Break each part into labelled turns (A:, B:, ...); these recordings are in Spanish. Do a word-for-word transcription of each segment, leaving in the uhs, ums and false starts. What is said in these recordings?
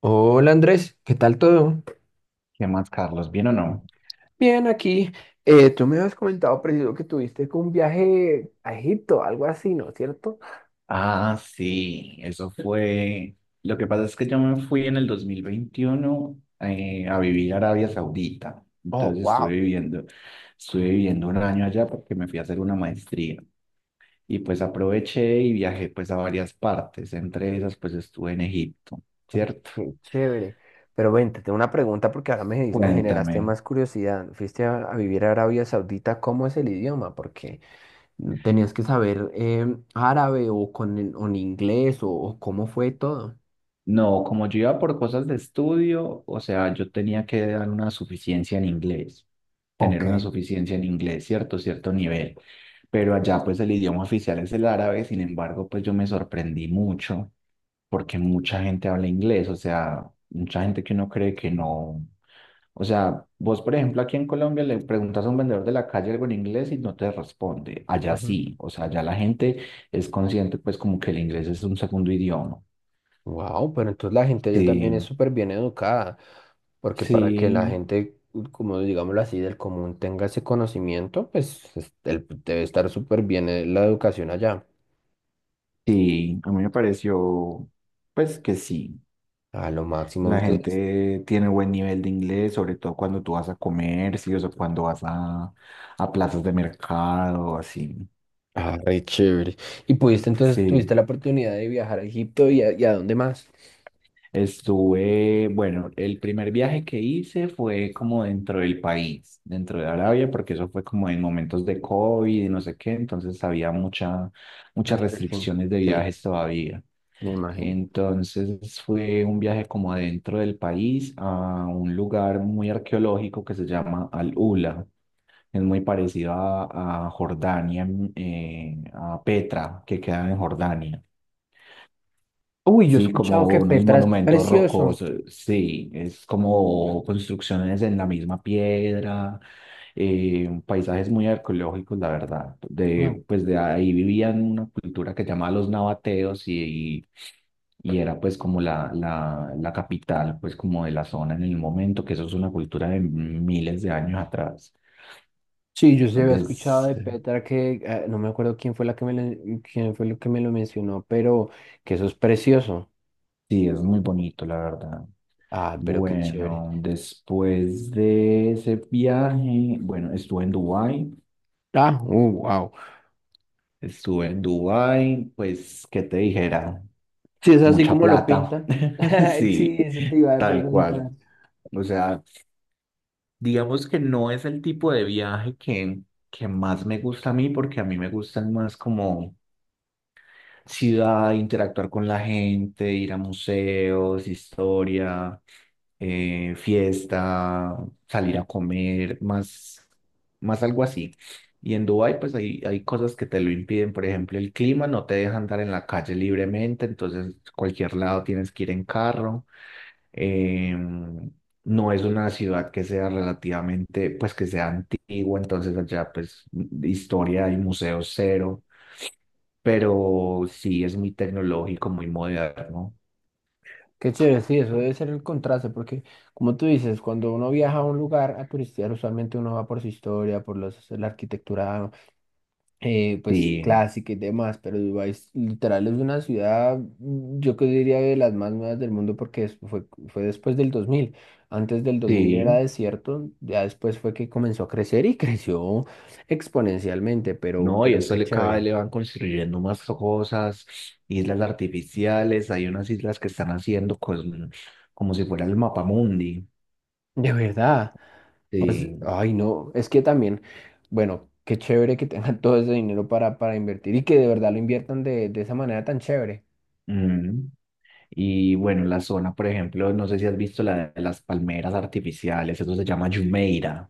A: Hola Andrés, ¿qué tal todo?
B: ¿Qué más, Carlos? ¿Bien o no?
A: Bien, aquí. Eh, tú me habías comentado, preciso, que tuviste como un viaje a Egipto, algo así, ¿no es cierto?
B: Ah, sí, eso fue. Lo que pasa es que yo me fui en el dos mil veintiuno eh, a vivir a Arabia Saudita.
A: Oh,
B: Entonces
A: wow,
B: estuve viviendo, estuve viviendo un año allá porque me fui a hacer una maestría. Y pues aproveché y viajé pues a varias partes. Entre esas pues estuve en Egipto, ¿cierto?
A: qué chévere. Pero ven, te tengo una pregunta porque ahora me, me
B: Cuéntame.
A: generaste más curiosidad. Fuiste a, a vivir a Arabia Saudita, ¿cómo es el idioma? Porque tenías que saber em, árabe o con el- o en inglés o, o cómo fue todo.
B: No, como yo iba por cosas de estudio, o sea, yo tenía que dar una suficiencia en inglés, tener una
A: Ok.
B: suficiencia en inglés, cierto, cierto nivel. Pero allá pues el idioma oficial es el árabe. Sin embargo, pues yo me sorprendí mucho porque mucha gente habla inglés, o sea, mucha gente que uno cree que no. O sea, vos, por ejemplo, aquí en Colombia le preguntas a un vendedor de la calle algo en inglés y no te responde. Allá sí, o sea, allá la gente es consciente, pues, como que el inglés es un segundo idioma.
A: Wow, pero entonces la gente allá también es
B: Sí.
A: súper bien educada, porque
B: Sí,
A: para que la gente, como digámoslo así, del común tenga ese conocimiento, pues es- el- debe estar súper bien eh, la educación allá,
B: sí, a mí me pareció, pues que sí,
A: a lo máximo.
B: la
A: Entonces,
B: gente tiene buen nivel de inglés, sobre todo cuando tú vas a comercios o cuando vas a, a plazas de mercado, así.
A: ah, re chévere. Y pudiste, entonces,
B: Sí,
A: tuviste la oportunidad de viajar a Egipto y a, y a dónde más.
B: estuve, bueno, el primer viaje que hice fue como dentro del país, dentro de Arabia, porque eso fue como en momentos de COVID y no sé qué, entonces había mucha, muchas
A: Restricción.
B: restricciones de
A: Sí,
B: viajes todavía.
A: me imagino.
B: Entonces fue un viaje como adentro del país a un lugar muy arqueológico que se llama Al-Ula. Es muy parecido a, a Jordania, en- eh, a Petra, que queda en Jordania.
A: Uy, yo he
B: Sí,
A: escuchado
B: como
A: que
B: unos
A: Petra es
B: monumentos
A: precioso.
B: rocosos. Sí, es como construcciones en la misma piedra, eh, paisajes muy arqueológicos, la verdad. De, pues de ahí vivían una cultura que llamaba los nabateos y y era pues como la, la, la capital pues como de la zona en el momento, que eso es una cultura de miles de años atrás.
A: Sí, yo sí había escuchado
B: Entonces,
A: de Petra que eh, no me acuerdo quién fue la que me lo- quién fue lo que me lo mencionó, pero que eso es precioso.
B: sí, es muy bonito, la verdad.
A: Ah, pero qué chévere.
B: Bueno, después de ese viaje, bueno, estuve en Dubái,
A: Ah, wow.
B: estuve en Dubái, pues, ¿qué te dijera?
A: Sí, es así
B: Mucha
A: como lo
B: plata,
A: pintan. Sí,
B: sí,
A: eso te iba a
B: tal
A: preguntar.
B: cual. O sea, digamos que no es el tipo de viaje que, que más me gusta a mí, porque a mí me gustan más como ciudad, interactuar con la gente, ir a museos, historia, eh, fiesta, salir a comer, más, más algo así. Y en Dubái, pues hay, hay cosas que te lo impiden. Por ejemplo, el clima no te deja andar en la calle libremente, entonces cualquier lado tienes que ir en carro. Em, no es una ciudad que sea relativamente, pues que sea antigua, entonces allá pues historia y museos cero, pero sí es muy tecnológico, muy moderno.
A: Qué chévere, sí, eso debe ser el contraste, porque como tú dices, cuando uno viaja a un lugar a turistear, usualmente uno va por su historia, por los- la arquitectura eh, pues
B: Sí,
A: clásica y demás, pero Dubái es- literal es una ciudad, mm, yo que diría de las más nuevas del mundo porque es- fue, fue después del dos mil, antes del dos mil era
B: sí,
A: desierto, ya después fue que comenzó a crecer y creció exponencialmente, pero,
B: no, y
A: pero
B: eso
A: qué
B: le, cada vez
A: chévere,
B: le van construyendo más cosas, islas artificiales, hay unas islas que están haciendo con- como si fuera el mapamundi.
A: de verdad. O sea,
B: Sí.
A: ay, no, es que también, bueno, qué chévere que tengan todo ese dinero para, para invertir y que de verdad lo inviertan de, de esa manera tan chévere.
B: Mm. Y bueno, la zona, por ejemplo, no sé si has visto la de las palmeras artificiales, eso se llama Jumeirah.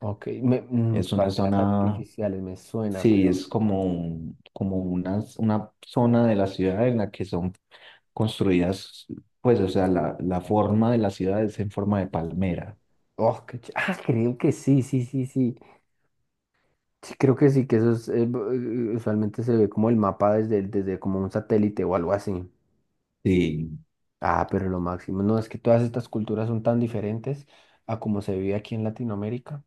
A: Ok, me, mm,
B: Es una
A: palmeras
B: zona.
A: artificiales me suena.
B: Sí, es como, un- como una, una zona de la ciudad en la que son construidas, pues, o sea, la, la forma de la ciudad es en forma de palmera.
A: Oh, qué ch- ah, creo que sí, sí, sí, sí. Sí, creo que sí, que eso es, eh, b- eh, usualmente se ve como el mapa desde, desde como un satélite o algo así.
B: Sí,
A: Ah, pero lo máximo. No, es que todas estas culturas son tan diferentes a como se vive aquí en Latinoamérica.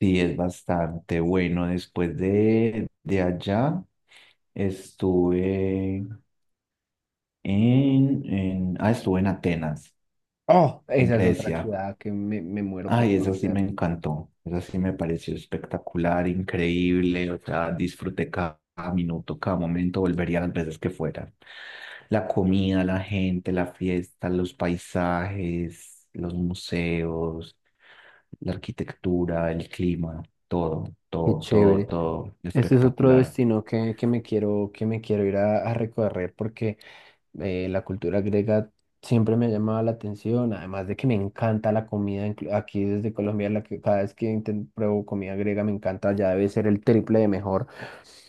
B: sí, es bastante bueno. Después de, de allá estuve en, en, ah, estuve en Atenas,
A: Oh,
B: en
A: esa es otra
B: Grecia.
A: ciudad que me, me muero por
B: Ay, esa sí
A: conocer.
B: me encantó. Esa sí me pareció espectacular, increíble. O sea, disfruté cada minuto, cada momento, volvería las veces que fuera. La comida, la gente, la fiesta, los paisajes, los museos, la arquitectura, el clima, todo,
A: Qué
B: todo, todo,
A: chévere.
B: todo
A: Ese es otro
B: espectacular.
A: destino que, que me quiero, que me quiero ir a, a recorrer porque eh, la cultura griega siempre me ha llamado la atención, además de que me encanta la comida, inclu- aquí desde Colombia, la que, cada vez que inten- pruebo comida griega me encanta, ya debe ser el triple de mejor,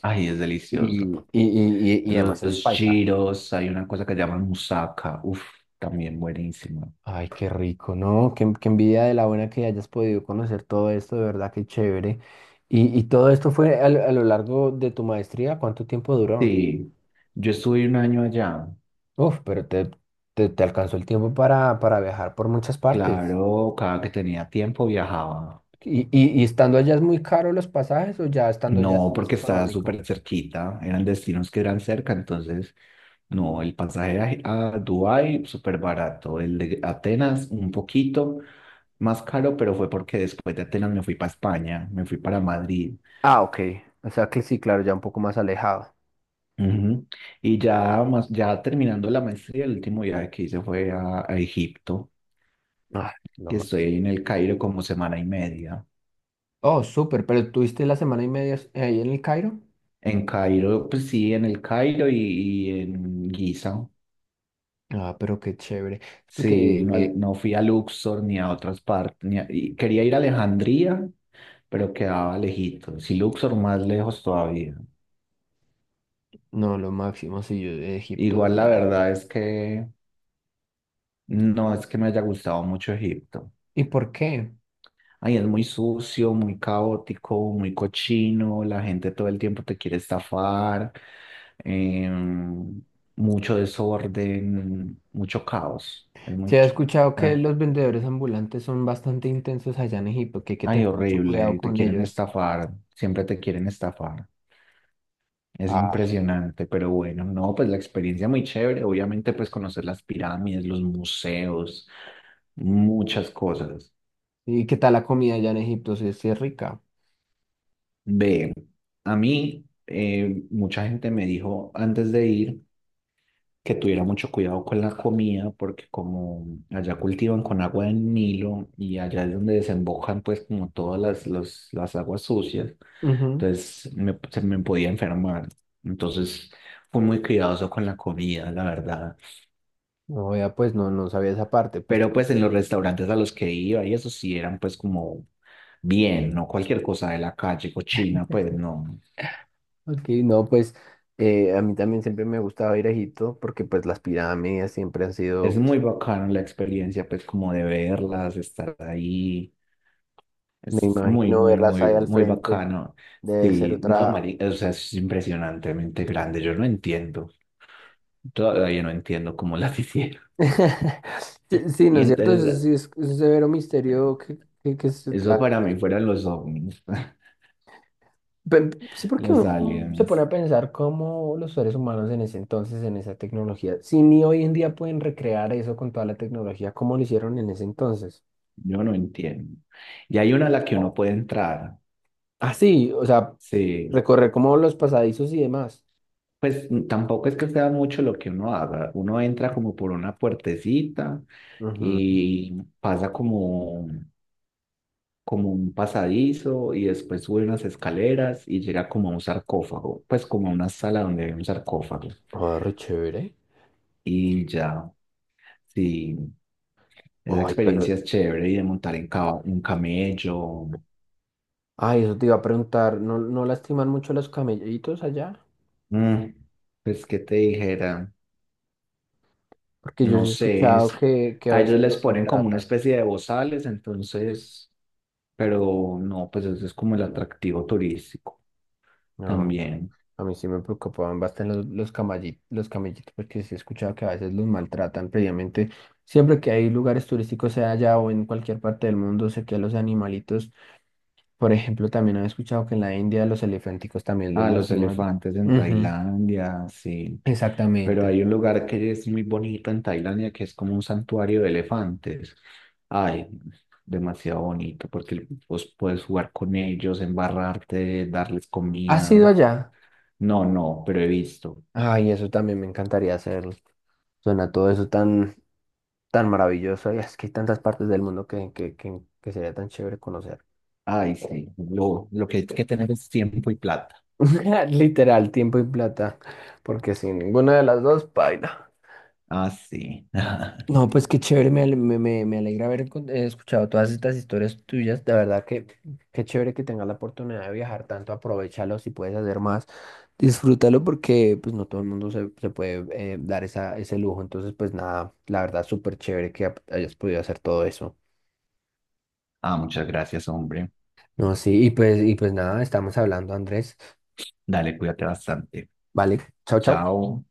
B: Ay, es
A: y,
B: delicioso.
A: y, y, y, y además esos
B: Los
A: paisajes.
B: giros, hay una cosa que llaman musaka, uff, también buenísima.
A: Ay, qué rico, ¿no? Qué, qué envidia de la buena que hayas podido conocer todo esto, de verdad, qué chévere. Y, y todo esto fue a, lo a lo largo de tu maestría, ¿cuánto tiempo duró?
B: Sí, yo estuve un año allá.
A: Uf, pero te, te, te alcanzó el tiempo para, para viajar por muchas partes.
B: Claro, cada que tenía tiempo viajaba.
A: ¿Y, y, y estando allá es muy caro los pasajes o ya estando allá es
B: No,
A: más
B: porque estaba
A: económico?
B: súper cerquita, eran destinos que eran cerca, entonces, no, el pasaje a, a Dubái súper barato, el de Atenas un poquito más caro, pero fue porque después de Atenas me fui para España, me fui para Madrid.
A: Ah, ok. O sea que sí, claro, ya un poco más alejado.
B: Ujú. Y ya, más, ya terminando la maestría, el último viaje que hice fue a, a Egipto,
A: Ah, lo
B: que
A: máximo.
B: estoy en el Cairo como semana y media.
A: Oh, súper, pero ¿tuviste la semana y media ahí en el Cairo?
B: En Cairo, pues sí, en el Cairo y, y en Giza.
A: Ah, pero qué chévere. Es
B: Sí,
A: porque,
B: no, he-
A: eh,
B: no fui a Luxor ni a otras partes, ni a- y quería ir a Alejandría, pero quedaba lejito. Sí, Luxor más lejos todavía.
A: no, lo máximo, sí, yo de Egipto,
B: Igual
A: de
B: la
A: verdad.
B: verdad es que no es que me haya gustado mucho Egipto.
A: ¿Y por qué?
B: Ay, es muy sucio, muy caótico, muy cochino. La gente todo el tiempo te quiere estafar. em, Mucho desorden, mucho caos. Es muy...
A: Se ha
B: ch-
A: escuchado que
B: ah,
A: los vendedores ambulantes son bastante intensos allá en Egipto, que hay que
B: ay,
A: tener mucho
B: horrible.
A: cuidado
B: Y te
A: con
B: quieren
A: ellos.
B: estafar. Siempre te quieren estafar. Es
A: Ah,
B: impresionante, pero bueno, no, pues la experiencia muy chévere, obviamente pues conocer las pirámides, los museos, muchas cosas.
A: ¿y qué tal la comida allá en Egipto? Sí, sí es rica.
B: Ve, a mí eh, mucha gente me dijo antes de ir que tuviera mucho cuidado con la comida porque como allá cultivan con agua del Nilo y allá es donde desembocan pues como todas las, los- las aguas sucias, entonces me, se me podía enfermar. Entonces fui muy cuidadoso con la comida, la verdad.
A: No, ya pues no, no sabía esa parte, pues que,
B: Pero pues en los restaurantes a los que iba y eso sí eran pues como bien, no cualquier cosa de la calle, cochina, pues no.
A: ok, no, pues eh, a mí también siempre me gustaba ir a Egipto porque pues las pirámides siempre han sido,
B: Es muy
A: pues,
B: bacano la experiencia pues como de verlas, estar ahí.
A: me
B: Es muy,
A: imagino
B: muy,
A: verlas
B: muy,
A: ahí al
B: muy
A: frente,
B: bacano.
A: debe ser
B: Sí, no,
A: otra,
B: mari- o sea, es impresionantemente grande. Yo no entiendo. Todavía no entiendo cómo las hicieron.
A: sí, sí, ¿no
B: Y
A: es cierto? Eso
B: entonces,
A: sí es, es un severo misterio que, que, que se está
B: eso
A: en
B: para
A: todas
B: mí
A: partes.
B: fueron los ovnis,
A: Pe- sí, porque
B: los
A: uno se pone a
B: aliens.
A: pensar cómo los seres humanos en ese entonces, en esa tecnología, si ni hoy en día pueden recrear eso con toda la tecnología, ¿cómo lo hicieron en ese entonces?
B: Yo no entiendo. Y hay una a la que uno puede entrar.
A: Ah, sí, o sea,
B: Sí.
A: recorrer como los pasadizos y demás.
B: Pues mm, tampoco es que sea mucho lo que uno haga. Uno entra como por una puertecita
A: Ujú.
B: y pasa como, como un pasadizo y después sube unas escaleras y llega como a un sarcófago. Pues como a una sala donde hay un sarcófago.
A: Ah, re chévere.
B: Y ya, sí, esa
A: Ay, pero,
B: experiencia es chévere y de montar en ca- un camello.
A: ay, eso te iba a preguntar, ¿no, no lastiman mucho los camellitos allá?
B: Mm, pues que te dijera,
A: Porque yo
B: no
A: sí he
B: sé, es-
A: escuchado que, que a
B: a ellos
A: veces
B: les
A: los
B: ponen como una
A: maltratan.
B: especie de bozales, entonces, pero no, pues eso es como el atractivo turístico
A: No.
B: también.
A: A mí sí me preocupaban bastante los, los camalli- los camellitos, porque sí he escuchado que a veces los maltratan previamente. Siempre que hay lugares turísticos, sea allá o en cualquier parte del mundo, sé que a los animalitos, por ejemplo, también he escuchado que en la India los elefánticos también los
B: Ah, los
A: lastiman.
B: elefantes en
A: Ujú,
B: Tailandia, sí, pero
A: exactamente.
B: hay un lugar que es muy bonito en Tailandia que es como un santuario de elefantes. Ay, demasiado bonito porque vos puedes jugar con ellos, embarrarte, darles
A: ¿Has ido
B: comida.
A: allá?
B: No, no, pero he visto.
A: Ay, eso también me encantaría hacerlo. Suena todo eso tan, tan maravilloso y es que hay tantas partes del mundo que, que, que, que sería tan chévere conocer.
B: Ay, sí, lo, lo que hay que tener es tiempo y plata.
A: Literal, tiempo y plata, porque sin ninguna de las dos, paila.
B: Ah, sí.
A: No, pues qué chévere, me, ale- me, me- me alegra haber con- eh, escuchado todas estas historias tuyas. De verdad que qué chévere que tengas la oportunidad de viajar tanto, aprovechalo si puedes hacer más, disfrútalo porque pues no todo el mundo se, se puede eh, dar esa, ese lujo. Entonces, pues nada, la verdad súper chévere que ap- hayas podido hacer todo eso.
B: Ah, muchas gracias, hombre.
A: No, sí, y pues, y pues nada, estamos hablando, Andrés.
B: Dale, cuídate bastante.
A: Vale, chao, chao.
B: Chao.